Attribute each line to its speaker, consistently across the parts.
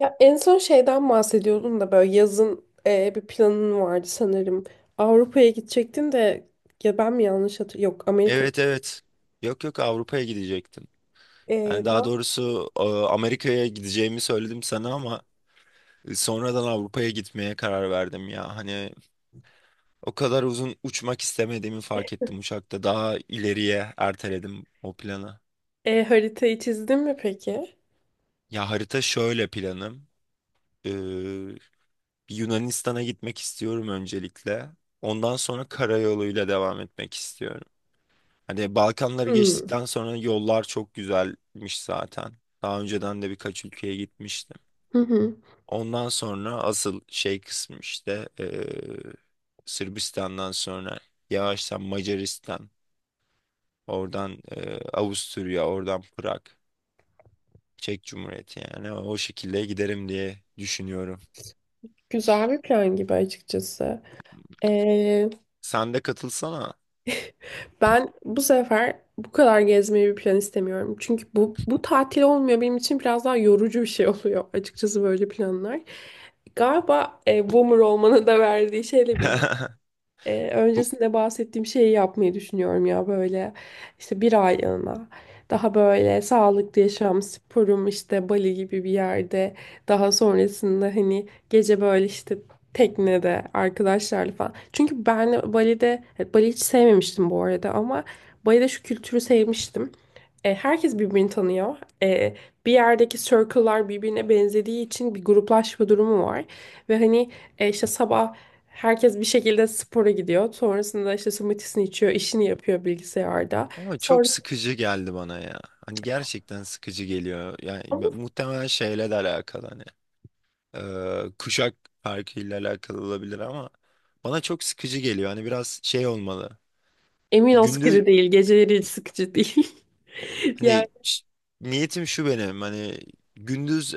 Speaker 1: Ya en son şeyden bahsediyordun da böyle yazın bir planın vardı sanırım. Avrupa'ya gidecektin de ya ben mi yanlış hatırlıyorum? Yok Amerika.
Speaker 2: Evet, evet. Yok, yok, Avrupa'ya gidecektim.
Speaker 1: E,
Speaker 2: Yani daha
Speaker 1: da-
Speaker 2: doğrusu Amerika'ya gideceğimi söyledim sana ama sonradan Avrupa'ya gitmeye karar verdim ya. Hani o kadar uzun uçmak istemediğimi fark ettim uçakta. Daha ileriye erteledim o planı.
Speaker 1: Haritayı çizdin mi peki?
Speaker 2: Ya harita şöyle planım. E, Yunanistan'a gitmek istiyorum öncelikle. Ondan sonra karayoluyla devam etmek istiyorum. Hani Balkanları
Speaker 1: Hmm.
Speaker 2: geçtikten sonra yollar çok güzelmiş zaten. Daha önceden de birkaç ülkeye gitmiştim.
Speaker 1: Hı hı.
Speaker 2: Ondan sonra asıl şey kısmı işte Sırbistan'dan sonra yavaştan Macaristan, oradan Avusturya, oradan Prag, Çek Cumhuriyeti yani o şekilde giderim diye düşünüyorum.
Speaker 1: Güzel bir plan gibi açıkçası. E,
Speaker 2: Sen de katılsana.
Speaker 1: Ben bu sefer bu kadar gezmeyi bir plan istemiyorum. Çünkü bu tatil olmuyor benim için biraz daha yorucu bir şey oluyor açıkçası böyle planlar. Galiba boomer olmanın da verdiği şeyle
Speaker 2: Bu
Speaker 1: Öncesinde bahsettiğim şeyi yapmayı düşünüyorum ya böyle işte bir aylığına daha böyle sağlıklı yaşam sporum işte Bali gibi bir yerde daha sonrasında hani gece böyle işte teknede arkadaşlarla falan. Çünkü ben Bali hiç sevmemiştim bu arada ama Bali'de şu kültürü sevmiştim. Herkes birbirini tanıyor. E, Bir yerdeki circle'lar birbirine benzediği için bir gruplaşma durumu var. Ve hani işte sabah herkes bir şekilde spora gidiyor. Sonrasında işte smoothiesini içiyor, işini yapıyor bilgisayarda.
Speaker 2: ama çok
Speaker 1: Sonra
Speaker 2: sıkıcı geldi bana ya. Hani gerçekten sıkıcı geliyor. Yani muhtemelen şeyle de alakalı hani. e, Kuşak farkıyla alakalı olabilir ama bana çok sıkıcı geliyor. Hani biraz şey olmalı.
Speaker 1: emin ol
Speaker 2: Gündüz
Speaker 1: sıkıcı değil, geceleri hiç sıkıcı değil. Yani
Speaker 2: hani niyetim şu benim hani gündüz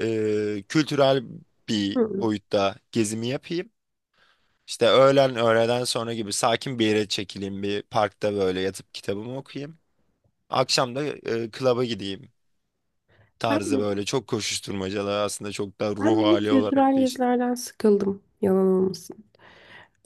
Speaker 2: kültürel bir
Speaker 1: hı.
Speaker 2: boyutta gezimi yapayım. İşte öğlen öğleden sonra gibi sakin bir yere çekileyim bir parkta böyle yatıp kitabımı okuyayım. Akşam da klaba gideyim
Speaker 1: ben,
Speaker 2: tarzı böyle çok koşuşturmacalı aslında çok da
Speaker 1: Ben
Speaker 2: ruh
Speaker 1: minik
Speaker 2: hali olarak
Speaker 1: kültürel
Speaker 2: değişik.
Speaker 1: gezilerden sıkıldım, yalan olmasın.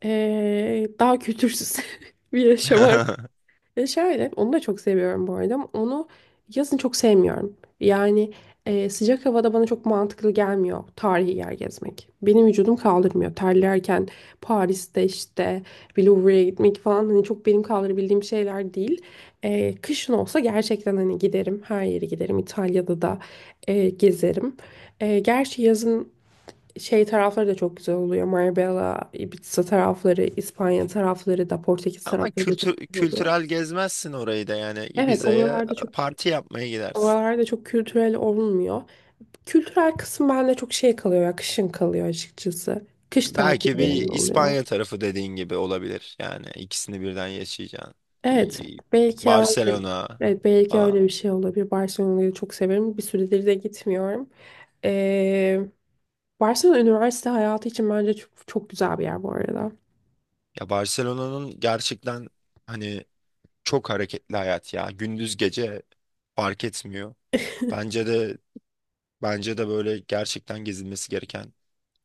Speaker 1: Daha kültürsüz bir yaşam. E şöyle, onu da çok seviyorum bu arada. Ama onu yazın çok sevmiyorum. Yani sıcak havada bana çok mantıklı gelmiyor tarihi yer gezmek. Benim vücudum kaldırmıyor. Terlerken Paris'te işte bir Louvre'ye gitmek falan hani çok benim kaldırabildiğim şeyler değil. Kışın olsa gerçekten hani giderim. Her yere giderim. İtalya'da da gezerim. Gerçi yazın şey tarafları da çok güzel oluyor. Marbella, Ibiza tarafları, İspanya tarafları da, Portekiz
Speaker 2: Ama
Speaker 1: tarafları da çok
Speaker 2: kültür,
Speaker 1: güzel oluyor.
Speaker 2: kültürel gezmezsin orayı da yani
Speaker 1: Evet,
Speaker 2: Ibiza'ya
Speaker 1: oralarda çok
Speaker 2: parti yapmaya gidersin.
Speaker 1: oralarda çok kültürel olmuyor. Kültürel kısım bende çok şey kalıyor ya, kışın kalıyor açıkçası. Kış
Speaker 2: Belki bir
Speaker 1: tatillerinde oluyor.
Speaker 2: İspanya tarafı dediğin gibi olabilir. Yani ikisini birden yaşayacaksın.
Speaker 1: Evet,
Speaker 2: İ-
Speaker 1: belki öyle,
Speaker 2: Barcelona
Speaker 1: evet, belki
Speaker 2: falan.
Speaker 1: öyle bir şey olabilir. Barcelona'yı çok severim. Bir süredir de gitmiyorum. Ee, Barcelona üniversite hayatı için bence çok, çok güzel bir yer bu arada.
Speaker 2: Ya Barcelona'nın gerçekten hani çok hareketli hayat ya. Gündüz gece fark etmiyor. Bence de bence de böyle gerçekten gezilmesi gereken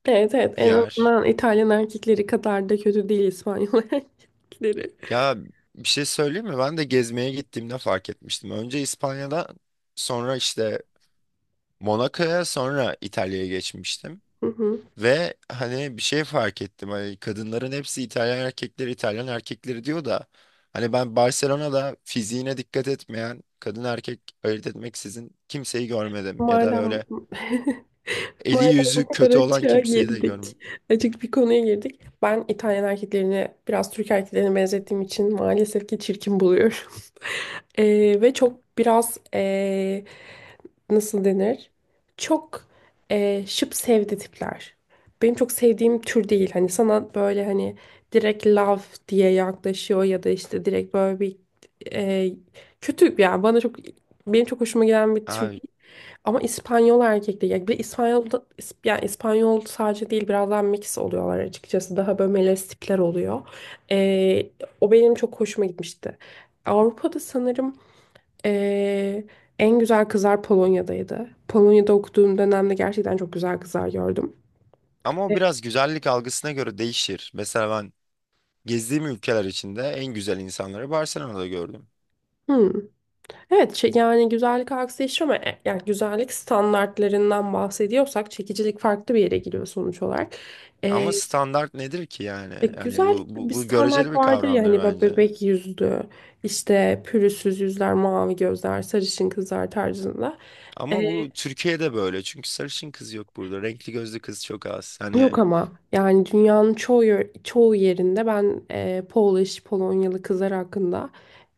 Speaker 1: Evet evet
Speaker 2: bir
Speaker 1: en
Speaker 2: yer.
Speaker 1: azından İtalyan erkekleri kadar da kötü değil İspanyol erkekleri.
Speaker 2: Ya bir şey söyleyeyim mi? Ben de gezmeye gittiğimde fark etmiştim. Önce İspanya'da, sonra işte Monaco'ya, sonra İtalya'ya geçmiştim.
Speaker 1: Hı hı.
Speaker 2: Ve hani bir şey fark ettim. Hani kadınların hepsi İtalyan erkekleri, İtalyan erkekleri diyor da hani ben Barcelona'da fiziğine dikkat etmeyen, kadın erkek ayırt etmeksizin kimseyi görmedim. Ya da
Speaker 1: Madem
Speaker 2: böyle eli
Speaker 1: Madem o
Speaker 2: yüzü
Speaker 1: kadar
Speaker 2: kötü olan
Speaker 1: açığa
Speaker 2: kimseyi de görmedim.
Speaker 1: girdik, açık bir konuya girdik. Ben İtalyan erkeklerini biraz Türk erkeklerine benzettiğim için maalesef ki çirkin buluyorum. Ve çok biraz nasıl denir? Çok şıp sevdi tipler. Benim çok sevdiğim tür değil. Hani sana böyle hani direkt love diye yaklaşıyor ya da işte direkt böyle bir ee, kötü yani bana çok benim çok hoşuma gelen bir tür
Speaker 2: Abi
Speaker 1: değil. Ama İspanyol erkek Yani bir yani İspanyol sadece değil biraz daha mix oluyorlar açıkçası. Daha böyle melez tipler oluyor. Ee, O benim çok hoşuma gitmişti. Avrupa'da sanırım ee, en güzel kızlar Polonya'daydı. Polonya'da okuduğum dönemde gerçekten çok güzel kızlar gördüm.
Speaker 2: ama
Speaker 1: E,
Speaker 2: o biraz güzellik algısına göre değişir. Mesela ben gezdiğim ülkeler içinde en güzel insanları Barcelona'da gördüm.
Speaker 1: Hmm. Evet şey- yani güzellik algısı değişiyor ama yani güzellik standartlarından bahsediyorsak çekicilik farklı bir yere gidiyor sonuç olarak.
Speaker 2: Ama standart nedir ki yani?
Speaker 1: Ya
Speaker 2: Yani bu,
Speaker 1: güzellik
Speaker 2: bu,
Speaker 1: bir
Speaker 2: bu göreceli
Speaker 1: standart
Speaker 2: bir
Speaker 1: vardır ya
Speaker 2: kavramdır
Speaker 1: hani böyle
Speaker 2: bence.
Speaker 1: bebek yüzlü, işte pürüzsüz yüzler, mavi gözler, sarışın kızlar tarzında.
Speaker 2: Ama bu
Speaker 1: Ee,
Speaker 2: Türkiye'de böyle. Çünkü sarışın kız yok burada. Renkli gözlü kız çok az. Hani
Speaker 1: Yok ama yani dünyanın çoğu yer- çoğu yerinde ben Polonyalı kızlar hakkında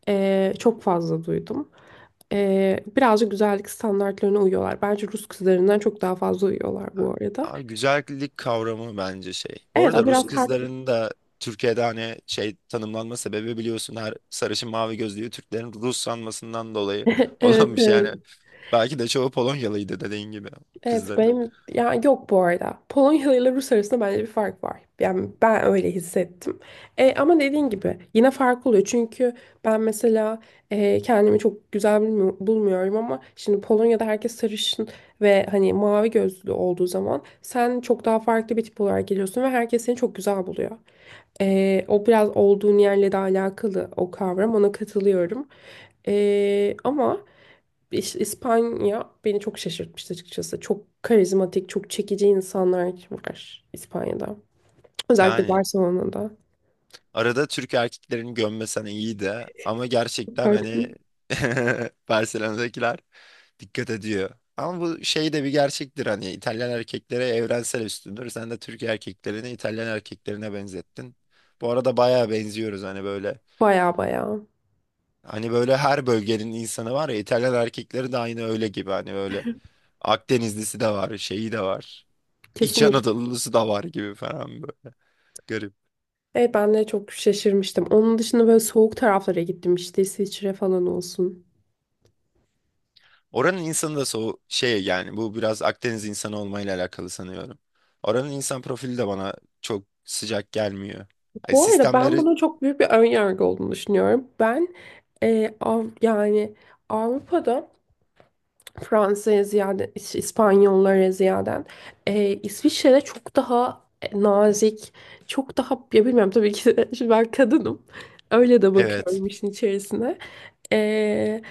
Speaker 1: çok fazla duydum. Birazcık güzellik standartlarına uyuyorlar. Bence Rus kızlarından çok daha fazla uyuyorlar bu arada.
Speaker 2: abi güzellik kavramı bence şey. Bu
Speaker 1: Evet
Speaker 2: arada
Speaker 1: o
Speaker 2: Rus
Speaker 1: biraz tart.
Speaker 2: kızların da Türkiye'de hani şey tanımlanma sebebi biliyorsun her sarışın mavi gözlüyü Türklerin Rus sanmasından dolayı
Speaker 1: Evet,
Speaker 2: olan bir şey. Yani
Speaker 1: evet.
Speaker 2: belki de çoğu Polonyalıydı dediğin gibi
Speaker 1: Evet
Speaker 2: kızların.
Speaker 1: benim ya yok bu arada. Polonyalı ile Rus arasında bence bir fark var. Yani ben öyle hissettim. Ama dediğin gibi yine fark oluyor. Çünkü ben mesela kendimi çok güzel bilmi- bulmuyorum ama şimdi Polonya'da herkes sarışın ve hani mavi gözlü olduğu zaman sen çok daha farklı bir tip olarak geliyorsun ve herkes seni çok güzel buluyor. O biraz olduğun yerle de alakalı o kavram. Ona katılıyorum. E, ama İspanya beni çok şaşırtmıştı açıkçası. Çok karizmatik, çok çekici insanlar var İspanya'da. Özellikle
Speaker 2: Yani
Speaker 1: Barcelona'da.
Speaker 2: arada Türk erkeklerini gömmesen iyi de, ama gerçekten
Speaker 1: Pardon.
Speaker 2: hani Barcelona'dakiler dikkat ediyor. Ama bu şey de bir gerçektir hani İtalyan erkeklere evrensel üstündür. Sen de Türk erkeklerini İtalyan erkeklerine benzettin. Bu arada bayağı benziyoruz hani böyle.
Speaker 1: Baya baya.
Speaker 2: Hani böyle her bölgenin insanı var ya İtalyan erkekleri de aynı öyle gibi hani böyle Akdenizlisi de var, şeyi de var. İç
Speaker 1: Kesinlikle.
Speaker 2: Anadolu'lusu da var gibi falan böyle. Garip.
Speaker 1: Evet ben de çok şaşırmıştım. Onun dışında böyle soğuk taraflara gittim işte İsviçre falan olsun.
Speaker 2: Oranın insanı da so şey yani bu biraz Akdeniz insanı olmayla alakalı sanıyorum. Oranın insan profili de bana çok sıcak gelmiyor. Yani
Speaker 1: Bu arada ben
Speaker 2: sistemleri
Speaker 1: bunun çok büyük bir ön yargı olduğunu düşünüyorum. Ben yani Avrupa'da Fransa'ya ziyade, İspanyollara ziyaden. İsviçre'de çok daha nazik, çok daha ya bilmiyorum tabii ki de, şimdi ben kadınım. Öyle de
Speaker 2: evet.
Speaker 1: bakıyorum işin içerisine. Ee,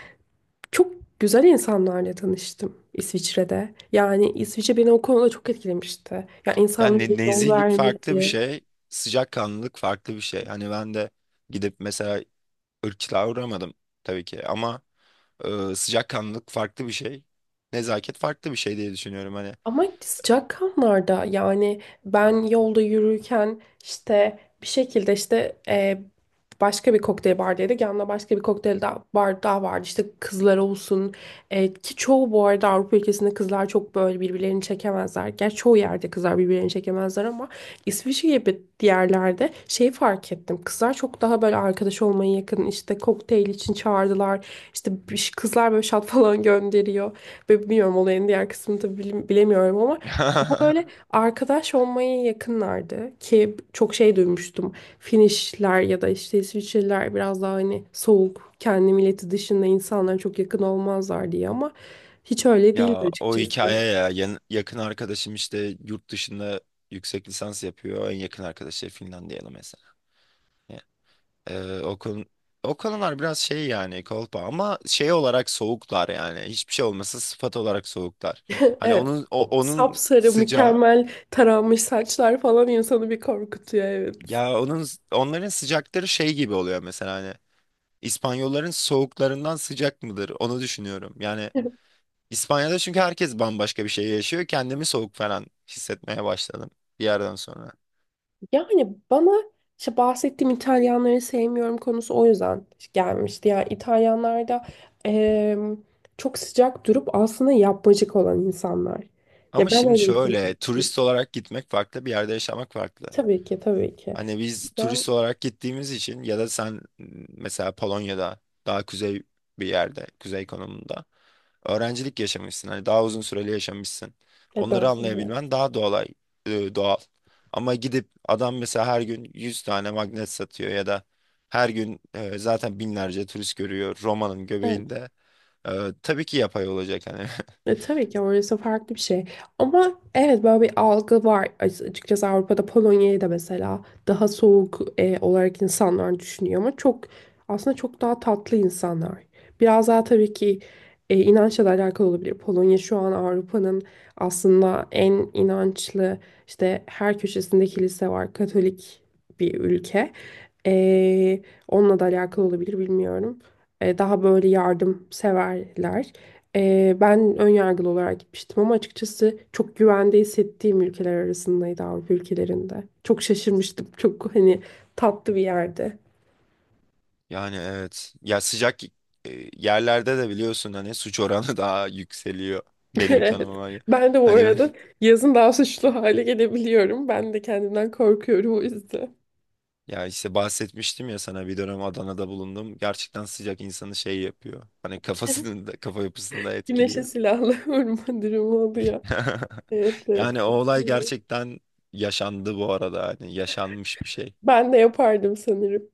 Speaker 1: Çok güzel insanlarla tanıştım İsviçre'de. Yani İsviçre beni o konuda çok etkilemişti. Ya
Speaker 2: Yani
Speaker 1: insanların yol
Speaker 2: nezihlik farklı bir
Speaker 1: vermesi.
Speaker 2: şey, sıcakkanlılık farklı bir şey. Hani ben de gidip mesela ırkçılığa uğramadım tabii ki ama sıcakkanlılık farklı bir şey. Nezaket farklı bir şey diye düşünüyorum hani.
Speaker 1: Ama sıcak kanlarda yani ben yolda yürürken işte bir şekilde işte başka bir kokteyl bardaydık. Yanında başka bir kokteyl daha, bar daha vardı. İşte kızlar olsun ki çoğu bu arada Avrupa ülkesinde kızlar çok böyle birbirlerini çekemezler. Gerçi çoğu yerde kızlar birbirlerini çekemezler ama İsviçre gibi diğerlerde şeyi fark ettim. Kızlar çok daha böyle arkadaş olmaya yakın işte kokteyl için çağırdılar. İşte bir- kızlar böyle şat falan gönderiyor. Ve bilmiyorum olayın diğer kısmını da bilim- bilemiyorum ama daha böyle arkadaş olmaya yakınlardı ki çok şey duymuştum. Finişler ya da işte İsviçreliler biraz daha hani soğuk, kendi milleti dışında insanlara çok yakın olmazlar diye ama hiç öyle değildi
Speaker 2: Ya o
Speaker 1: açıkçası.
Speaker 2: hikaye ya yakın arkadaşım işte yurt dışında yüksek lisans yapıyor. En yakın arkadaşı Finlandiyalı mesela. Ya, Ee, o konu, o konular biraz şey yani kolpa ama şey olarak soğuklar yani. Hiçbir şey olmasa sıfat olarak soğuklar. Hani
Speaker 1: Evet. O
Speaker 2: onun
Speaker 1: sapsarı,
Speaker 2: sıcağı
Speaker 1: mükemmel taranmış saçlar falan insanı bir korkutuyor evet.
Speaker 2: ya onların sıcakları şey gibi oluyor mesela hani İspanyolların soğuklarından sıcak mıdır onu düşünüyorum. Yani İspanya'da çünkü herkes bambaşka bir şey yaşıyor. Kendimi soğuk falan hissetmeye başladım bir yerden sonra.
Speaker 1: Yani bana işte bahsettiğim İtalyanları sevmiyorum konusu o yüzden gelmişti. Yani İtalyanlar da eee, çok sıcak durup aslında yapmacık olan insanlar.
Speaker 2: Ama
Speaker 1: Ya ben
Speaker 2: şimdi
Speaker 1: öyle hissettim.
Speaker 2: şöyle turist olarak gitmek farklı, bir yerde yaşamak farklı.
Speaker 1: Tabii ki tabii ki.
Speaker 2: Hani biz
Speaker 1: Ben
Speaker 2: turist olarak gittiğimiz için ya da sen mesela Polonya'da daha kuzey bir yerde, kuzey konumunda öğrencilik yaşamışsın. Hani daha uzun süreli yaşamışsın. Onları
Speaker 1: 4 sene.
Speaker 2: anlayabilmen daha doğal, doğal. Ama gidip adam mesela her gün 100 tane magnet satıyor ya da her gün zaten binlerce turist görüyor Roma'nın
Speaker 1: Evet.
Speaker 2: göbeğinde. E, tabii ki yapay olacak hani.
Speaker 1: Tabii ki orası farklı bir şey. Ama evet böyle bir algı var. Açıkçası Avrupa'da Polonya'yı da mesela daha soğuk olarak insanlar düşünüyor ama çok aslında çok daha tatlı insanlar. Biraz daha tabii ki inançla da alakalı olabilir. Polonya şu an Avrupa'nın aslında en inançlı işte her köşesinde kilise var. Katolik bir ülke. E, Onunla da alakalı olabilir bilmiyorum. Daha böyle yardımseverler. Ben ön yargılı olarak gitmiştim ama açıkçası çok güvende hissettiğim ülkeler arasındaydı Avrupa ülkelerinde. Çok şaşırmıştım. Çok hani tatlı bir yerde.
Speaker 2: Yani evet. Ya sıcak yerlerde de biliyorsun hani suç oranı daha yükseliyor benim
Speaker 1: Evet.
Speaker 2: tanımıma.
Speaker 1: Ben de bu
Speaker 2: Hani
Speaker 1: arada yazın daha suçlu hale gelebiliyorum. Ben de kendimden korkuyorum o yüzden.
Speaker 2: ya işte bahsetmiştim ya sana bir dönem Adana'da bulundum. Gerçekten sıcak insanı şey yapıyor. Hani kafasını da, kafa yapısını da
Speaker 1: Güneşe
Speaker 2: etkiliyor.
Speaker 1: silahla vurma durumu oluyor. Evet, evet.
Speaker 2: Yani o olay gerçekten yaşandı bu arada. Hani yaşanmış bir şey.
Speaker 1: Ben de yapardım sanırım.